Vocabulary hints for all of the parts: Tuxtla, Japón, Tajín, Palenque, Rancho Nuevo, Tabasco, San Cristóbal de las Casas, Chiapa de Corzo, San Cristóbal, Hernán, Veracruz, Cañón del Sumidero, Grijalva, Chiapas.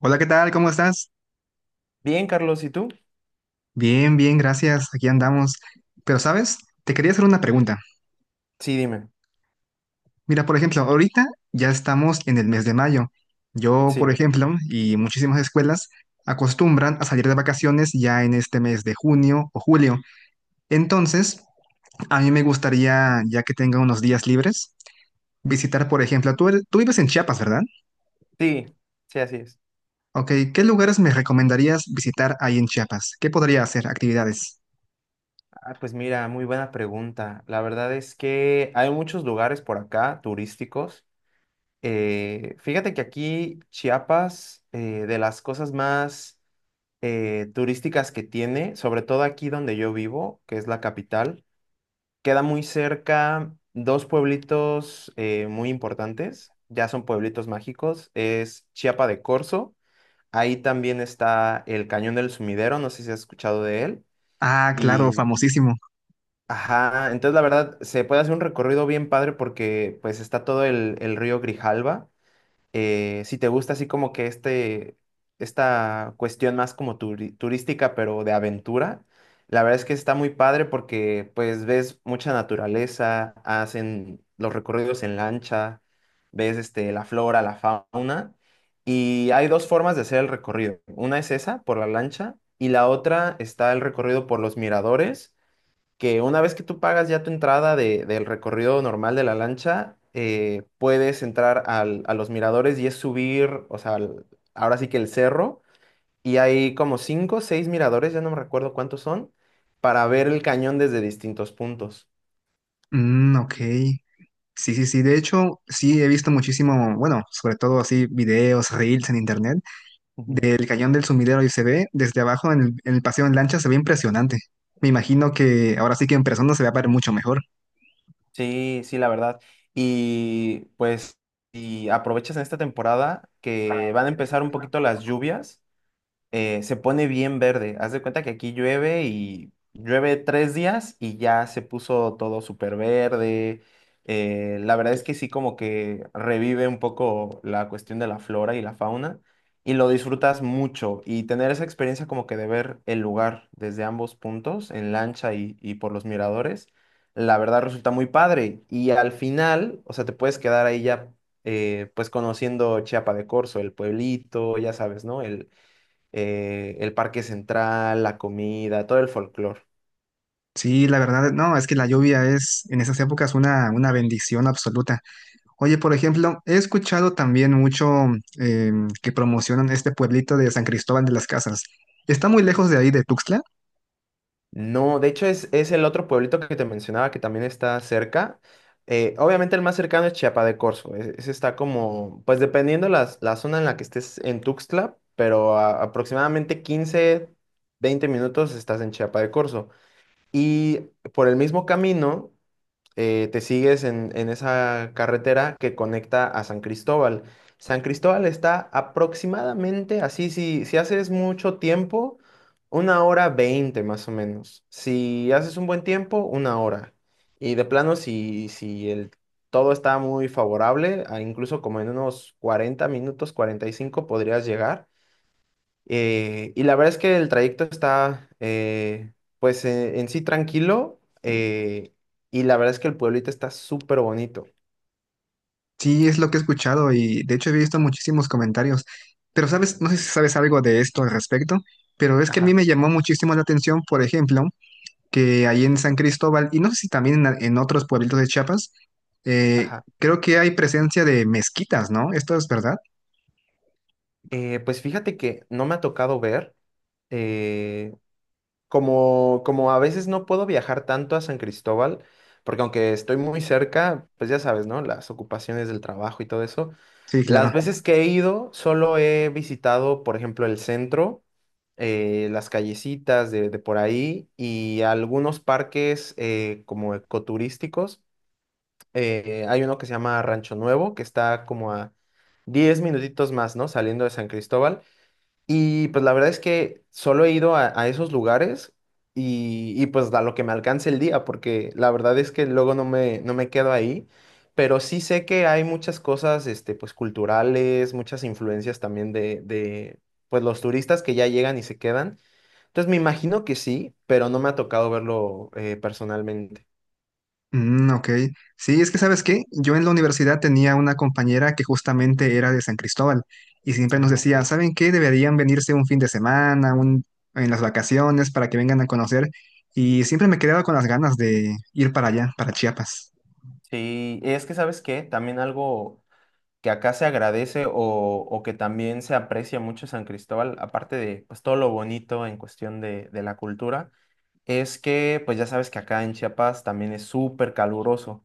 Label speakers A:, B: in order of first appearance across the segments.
A: Hola, ¿qué tal? ¿Cómo estás?
B: Bien, Carlos, ¿y tú?
A: Bien, gracias. Aquí andamos. Pero, ¿sabes? Te quería hacer una pregunta.
B: Sí, dime.
A: Mira, por ejemplo, ahorita ya estamos en el mes de mayo. Yo, por
B: Sí,
A: ejemplo, y muchísimas escuelas acostumbran a salir de vacaciones ya en este mes de junio o julio. Entonces, a mí me gustaría, ya que tenga unos días libres, visitar, por ejemplo, tú, tú vives en Chiapas, ¿verdad?
B: sí, sí, así es.
A: Ok, ¿qué lugares me recomendarías visitar ahí en Chiapas? ¿Qué podría hacer? Actividades.
B: Ah, pues mira, muy buena pregunta. La verdad es que hay muchos lugares por acá turísticos. Fíjate que aquí Chiapas, de las cosas más turísticas que tiene, sobre todo aquí donde yo vivo, que es la capital, queda muy cerca dos pueblitos, muy importantes, ya son pueblitos mágicos. Es Chiapa de Corzo. Ahí también está el Cañón del Sumidero, no sé si has escuchado de él.
A: Ah, claro,
B: Y,
A: famosísimo.
B: ajá, entonces la verdad se puede hacer un recorrido bien padre, porque pues está todo el río Grijalva. Si te gusta así como que esta cuestión más como turística, pero de aventura, la verdad es que está muy padre, porque pues ves mucha naturaleza, hacen los recorridos en lancha, ves la flora, la fauna, y hay dos formas de hacer el recorrido. Una es esa, por la lancha, y la otra está el recorrido por los miradores, que una vez que tú pagas ya tu entrada del recorrido normal de la lancha, puedes entrar a los miradores, y es subir, o sea, ahora sí que el cerro, y hay como cinco o seis miradores, ya no me recuerdo cuántos son, para ver el cañón desde distintos puntos.
A: Mm, ok. Sí, sí, sí. De hecho, sí he visto muchísimo, bueno, sobre todo así videos, reels en internet
B: Ujú.
A: del Cañón del Sumidero y se ve desde abajo en el paseo en lancha, se ve impresionante. Me imagino que ahora sí que en persona se va a ver mucho mejor.
B: Sí, sí, la verdad. Y pues, y aprovechas en esta temporada que van a empezar un poquito las lluvias. Se pone bien verde. Haz de cuenta que aquí llueve y llueve 3 días y ya se puso todo súper verde. La verdad es que sí, como que revive un poco la cuestión de la flora y la fauna, y lo disfrutas mucho. Y tener esa experiencia como que de ver el lugar desde ambos puntos, en lancha y por los miradores, la verdad resulta muy padre. Y al final, o sea, te puedes quedar ahí ya, pues conociendo Chiapa de Corzo, el pueblito, ya sabes, ¿no? El parque central, la comida, todo el folclore.
A: Sí, la verdad, no, es que la lluvia es en esas épocas una bendición absoluta. Oye, por ejemplo, he escuchado también mucho eh, que promocionan este pueblito de San Cristóbal de las Casas. ¿Está muy lejos de ahí de Tuxtla?
B: No, de hecho es el otro pueblito que te mencionaba, que también está cerca. Obviamente el más cercano es Chiapa de Corzo. Ese está como, pues, dependiendo la zona en la que estés en Tuxtla, pero aproximadamente 15, 20 minutos estás en Chiapa de Corzo. Y por el mismo camino, te sigues en esa carretera que conecta a San Cristóbal. San Cristóbal está aproximadamente, así si haces mucho tiempo, una hora 20 más o menos. Si haces un buen tiempo, una hora. Y de plano, si todo está muy favorable, a incluso como en unos 40 minutos, 45, podrías llegar. Y la verdad es que el trayecto está, pues, en sí, tranquilo. eh, y la verdad es que el pueblito está súper bonito.
A: Sí, es lo que he escuchado y de hecho he visto muchísimos comentarios. Pero sabes, no sé si sabes algo de esto al respecto, pero es que a mí
B: Ajá,
A: me llamó muchísimo la atención, por ejemplo, que ahí en San Cristóbal y no sé si también en otros pueblitos de Chiapas, eh,
B: ajá.
A: creo que hay presencia de mezquitas, ¿no? Esto es verdad.
B: Pues fíjate que no me ha tocado ver, eh, como, a veces no puedo viajar tanto a San Cristóbal, porque aunque estoy muy cerca, pues ya sabes, ¿no? Las ocupaciones del trabajo y todo eso.
A: Sí, claro.
B: Las veces que he ido, solo he visitado, por ejemplo, el centro, las callecitas de por ahí, y algunos parques, como ecoturísticos. Hay uno que se llama Rancho Nuevo, que está como a 10 minutitos más, ¿no? Saliendo de San Cristóbal. Y pues la verdad es que solo he ido a esos lugares y, pues a lo que me alcance el día, porque la verdad es que luego no me quedo ahí, pero sí sé que hay muchas cosas, pues culturales, muchas influencias también de, pues, los turistas que ya llegan y se quedan. Entonces me imagino que sí, pero no me ha tocado verlo, personalmente.
A: Mm, ok. Sí, es que ¿sabes qué? Yo en la universidad tenía una compañera que justamente era de San Cristóbal y siempre nos
B: Ah, ok.
A: decía, ¿saben qué? Deberían venirse un fin de semana, en las vacaciones para que vengan a conocer. Y siempre me quedaba con las ganas de ir para allá, para Chiapas.
B: Sí, es que ¿sabes qué? También algo que acá se agradece, o que también se aprecia mucho San Cristóbal, aparte de, pues, todo lo bonito en cuestión de la cultura, es que pues ya sabes que acá en Chiapas también es súper caluroso.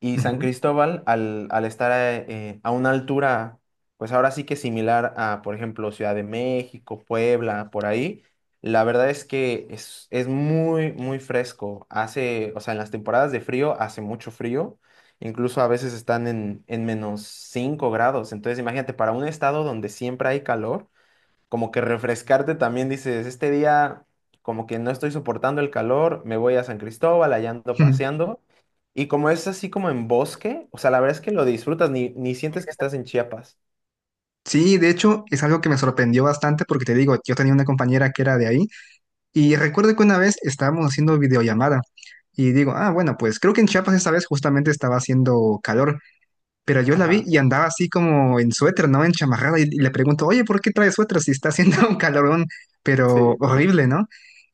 B: Y San
A: Ujú.
B: Cristóbal, al estar, a una altura, pues ahora sí que similar a, por ejemplo, Ciudad de México, Puebla, por ahí, la verdad es que es muy, muy fresco. Hace, o sea, en las temporadas de frío hace mucho frío, incluso a veces están en -5 grados. Entonces, imagínate, para un estado donde siempre hay calor, como que refrescarte también, dices, este día como que no estoy soportando el calor, me voy a San Cristóbal, allá ando paseando. Y como es así como en bosque, o sea, la verdad es que lo disfrutas, ni sientes que estás en Chiapas.
A: Sí, de hecho, es algo que me sorprendió bastante porque te digo, yo tenía una compañera que era de ahí y recuerdo que una vez estábamos haciendo videollamada y digo, ah, bueno, pues creo que en Chiapas esta vez justamente estaba haciendo calor. Pero yo la vi
B: Ajá.
A: y andaba así como en suéter, ¿no? En chamarrada. Y le pregunto, oye, ¿por qué traes suéter si está haciendo un calorón, pero
B: Sí.
A: horrible, ¿no?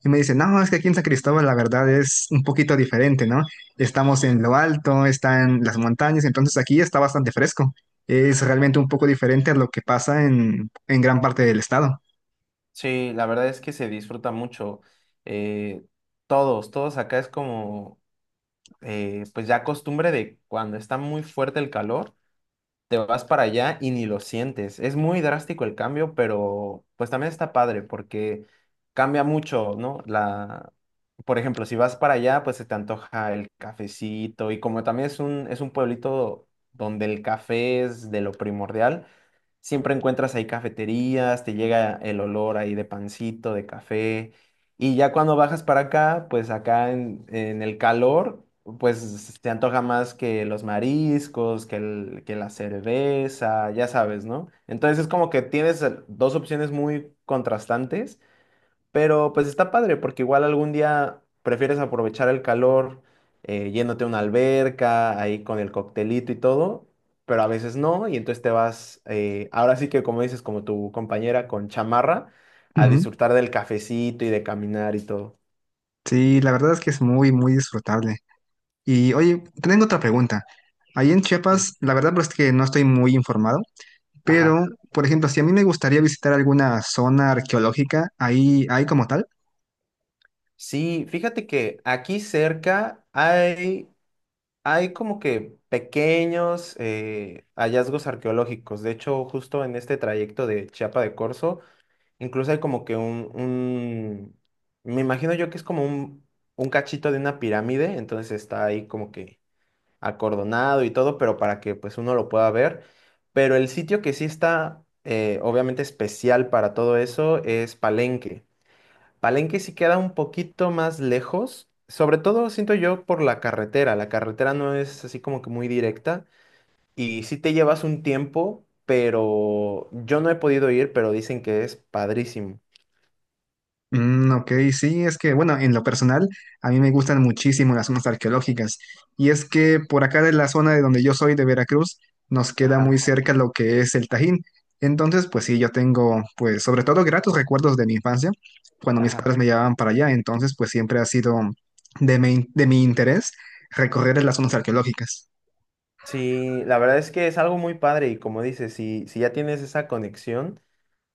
A: Y me dice, no, es que aquí en San Cristóbal la verdad es un poquito diferente, ¿no? Estamos en lo alto, están las montañas, entonces aquí está bastante fresco. Es realmente un poco diferente a lo que pasa en gran parte del estado.
B: Sí, la verdad es que se disfruta mucho. eh, todos acá es como, pues, ya costumbre de cuando está muy fuerte el calor, te vas para allá y ni lo sientes. Es muy drástico el cambio, pero pues también está padre, porque cambia mucho, ¿no? Por ejemplo, si vas para allá, pues se te antoja el cafecito, y como también es un pueblito donde el café es de lo primordial, siempre encuentras ahí cafeterías, te llega el olor ahí de pancito, de café. Y ya cuando bajas para acá, pues acá en el calor, pues te antoja más que los mariscos, que la cerveza, ya sabes, ¿no? Entonces es como que tienes, dos opciones muy contrastantes, pero pues está padre, porque igual algún día prefieres aprovechar el calor yéndote a una alberca, ahí con el coctelito y todo, pero a veces no, y entonces te vas, ahora sí que como dices, como tu compañera con chamarra, a
A: Ujú.
B: disfrutar del cafecito y de caminar y todo.
A: Sí, la verdad es que es muy, muy disfrutable. Y oye, tengo otra pregunta. Ahí en
B: Sí.
A: Chiapas, la verdad pues, es que no estoy muy informado.
B: Ajá.
A: Pero, por ejemplo, si a mí me gustaría visitar alguna zona arqueológica, ahí hay como tal.
B: Sí, fíjate que aquí cerca hay como que pequeños, hallazgos arqueológicos. De hecho, justo en este trayecto de Chiapa de Corzo, incluso hay como que me imagino yo que es como un cachito de una pirámide, entonces está ahí como que acordonado y todo, pero para que pues uno lo pueda ver. Pero el sitio que sí está, obviamente, especial para todo eso es Palenque. Palenque sí queda un poquito más lejos, sobre todo siento yo por la carretera. La carretera no es así como que muy directa, y sí te llevas un tiempo, pero yo no he podido ir, pero dicen que es padrísimo.
A: Mm, ok, sí, es que, bueno, en lo personal, a mí me gustan muchísimo las zonas arqueológicas. Y es que por acá de la zona de donde yo soy, de Veracruz, nos queda muy
B: Ajá.
A: cerca lo que es el Tajín. Entonces, pues sí, yo tengo, pues, sobre todo gratos recuerdos de mi infancia, cuando mis
B: Ajá.
A: padres me llevaban para allá. Entonces, pues siempre ha sido de mi interés recorrer las zonas arqueológicas.
B: Sí, la verdad es que es algo muy padre, y como dices, si ya tienes esa conexión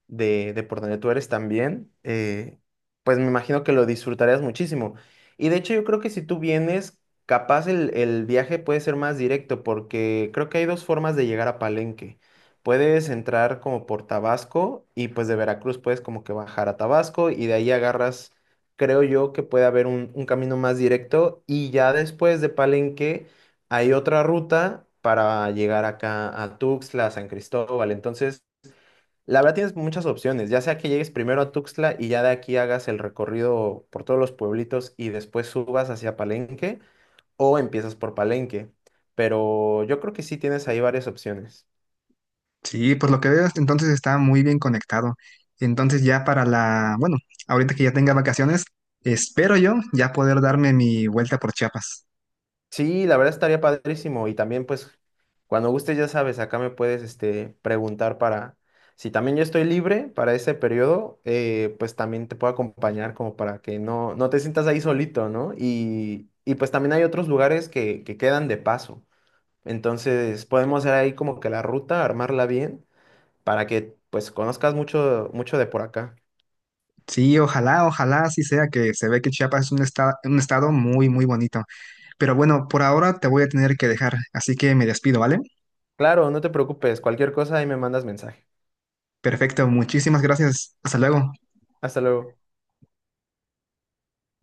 B: de por donde tú eres también, pues me imagino que lo disfrutarías muchísimo. Y de hecho, yo creo que si tú vienes, capaz el viaje puede ser más directo, porque creo que hay dos formas de llegar a Palenque. Puedes entrar como por Tabasco, y pues de Veracruz puedes como que bajar a Tabasco y de ahí agarras, creo yo, que puede haber un camino más directo, y ya después de Palenque hay otra ruta para llegar acá a Tuxtla, a San Cristóbal. Entonces... la verdad tienes muchas opciones, ya sea que llegues primero a Tuxtla y ya de aquí hagas el recorrido por todos los pueblitos y después subas hacia Palenque, o empiezas por Palenque, pero yo creo que sí tienes ahí varias opciones.
A: Sí, por lo que veo, hasta entonces está muy bien conectado. Entonces ya para la, bueno, ahorita que ya tenga vacaciones, espero yo ya poder darme mi vuelta por Chiapas.
B: Sí, la verdad estaría padrísimo, y también pues cuando gustes ya sabes, acá me puedes, preguntar para, si también yo estoy libre para ese periodo, pues también te puedo acompañar como para que no te sientas ahí solito, ¿no? Y pues también hay otros lugares que quedan de paso. Entonces podemos hacer ahí como que la ruta, armarla bien, para que pues conozcas mucho, mucho de por acá.
A: Sí, ojalá, ojalá así sea, que se ve que Chiapas es un estado muy, muy bonito. Pero bueno, por ahora te voy a tener que dejar, así que me despido, ¿vale?
B: Claro, no te preocupes, cualquier cosa ahí me mandas mensaje.
A: Perfecto, muchísimas gracias. Hasta luego.
B: Hasta luego.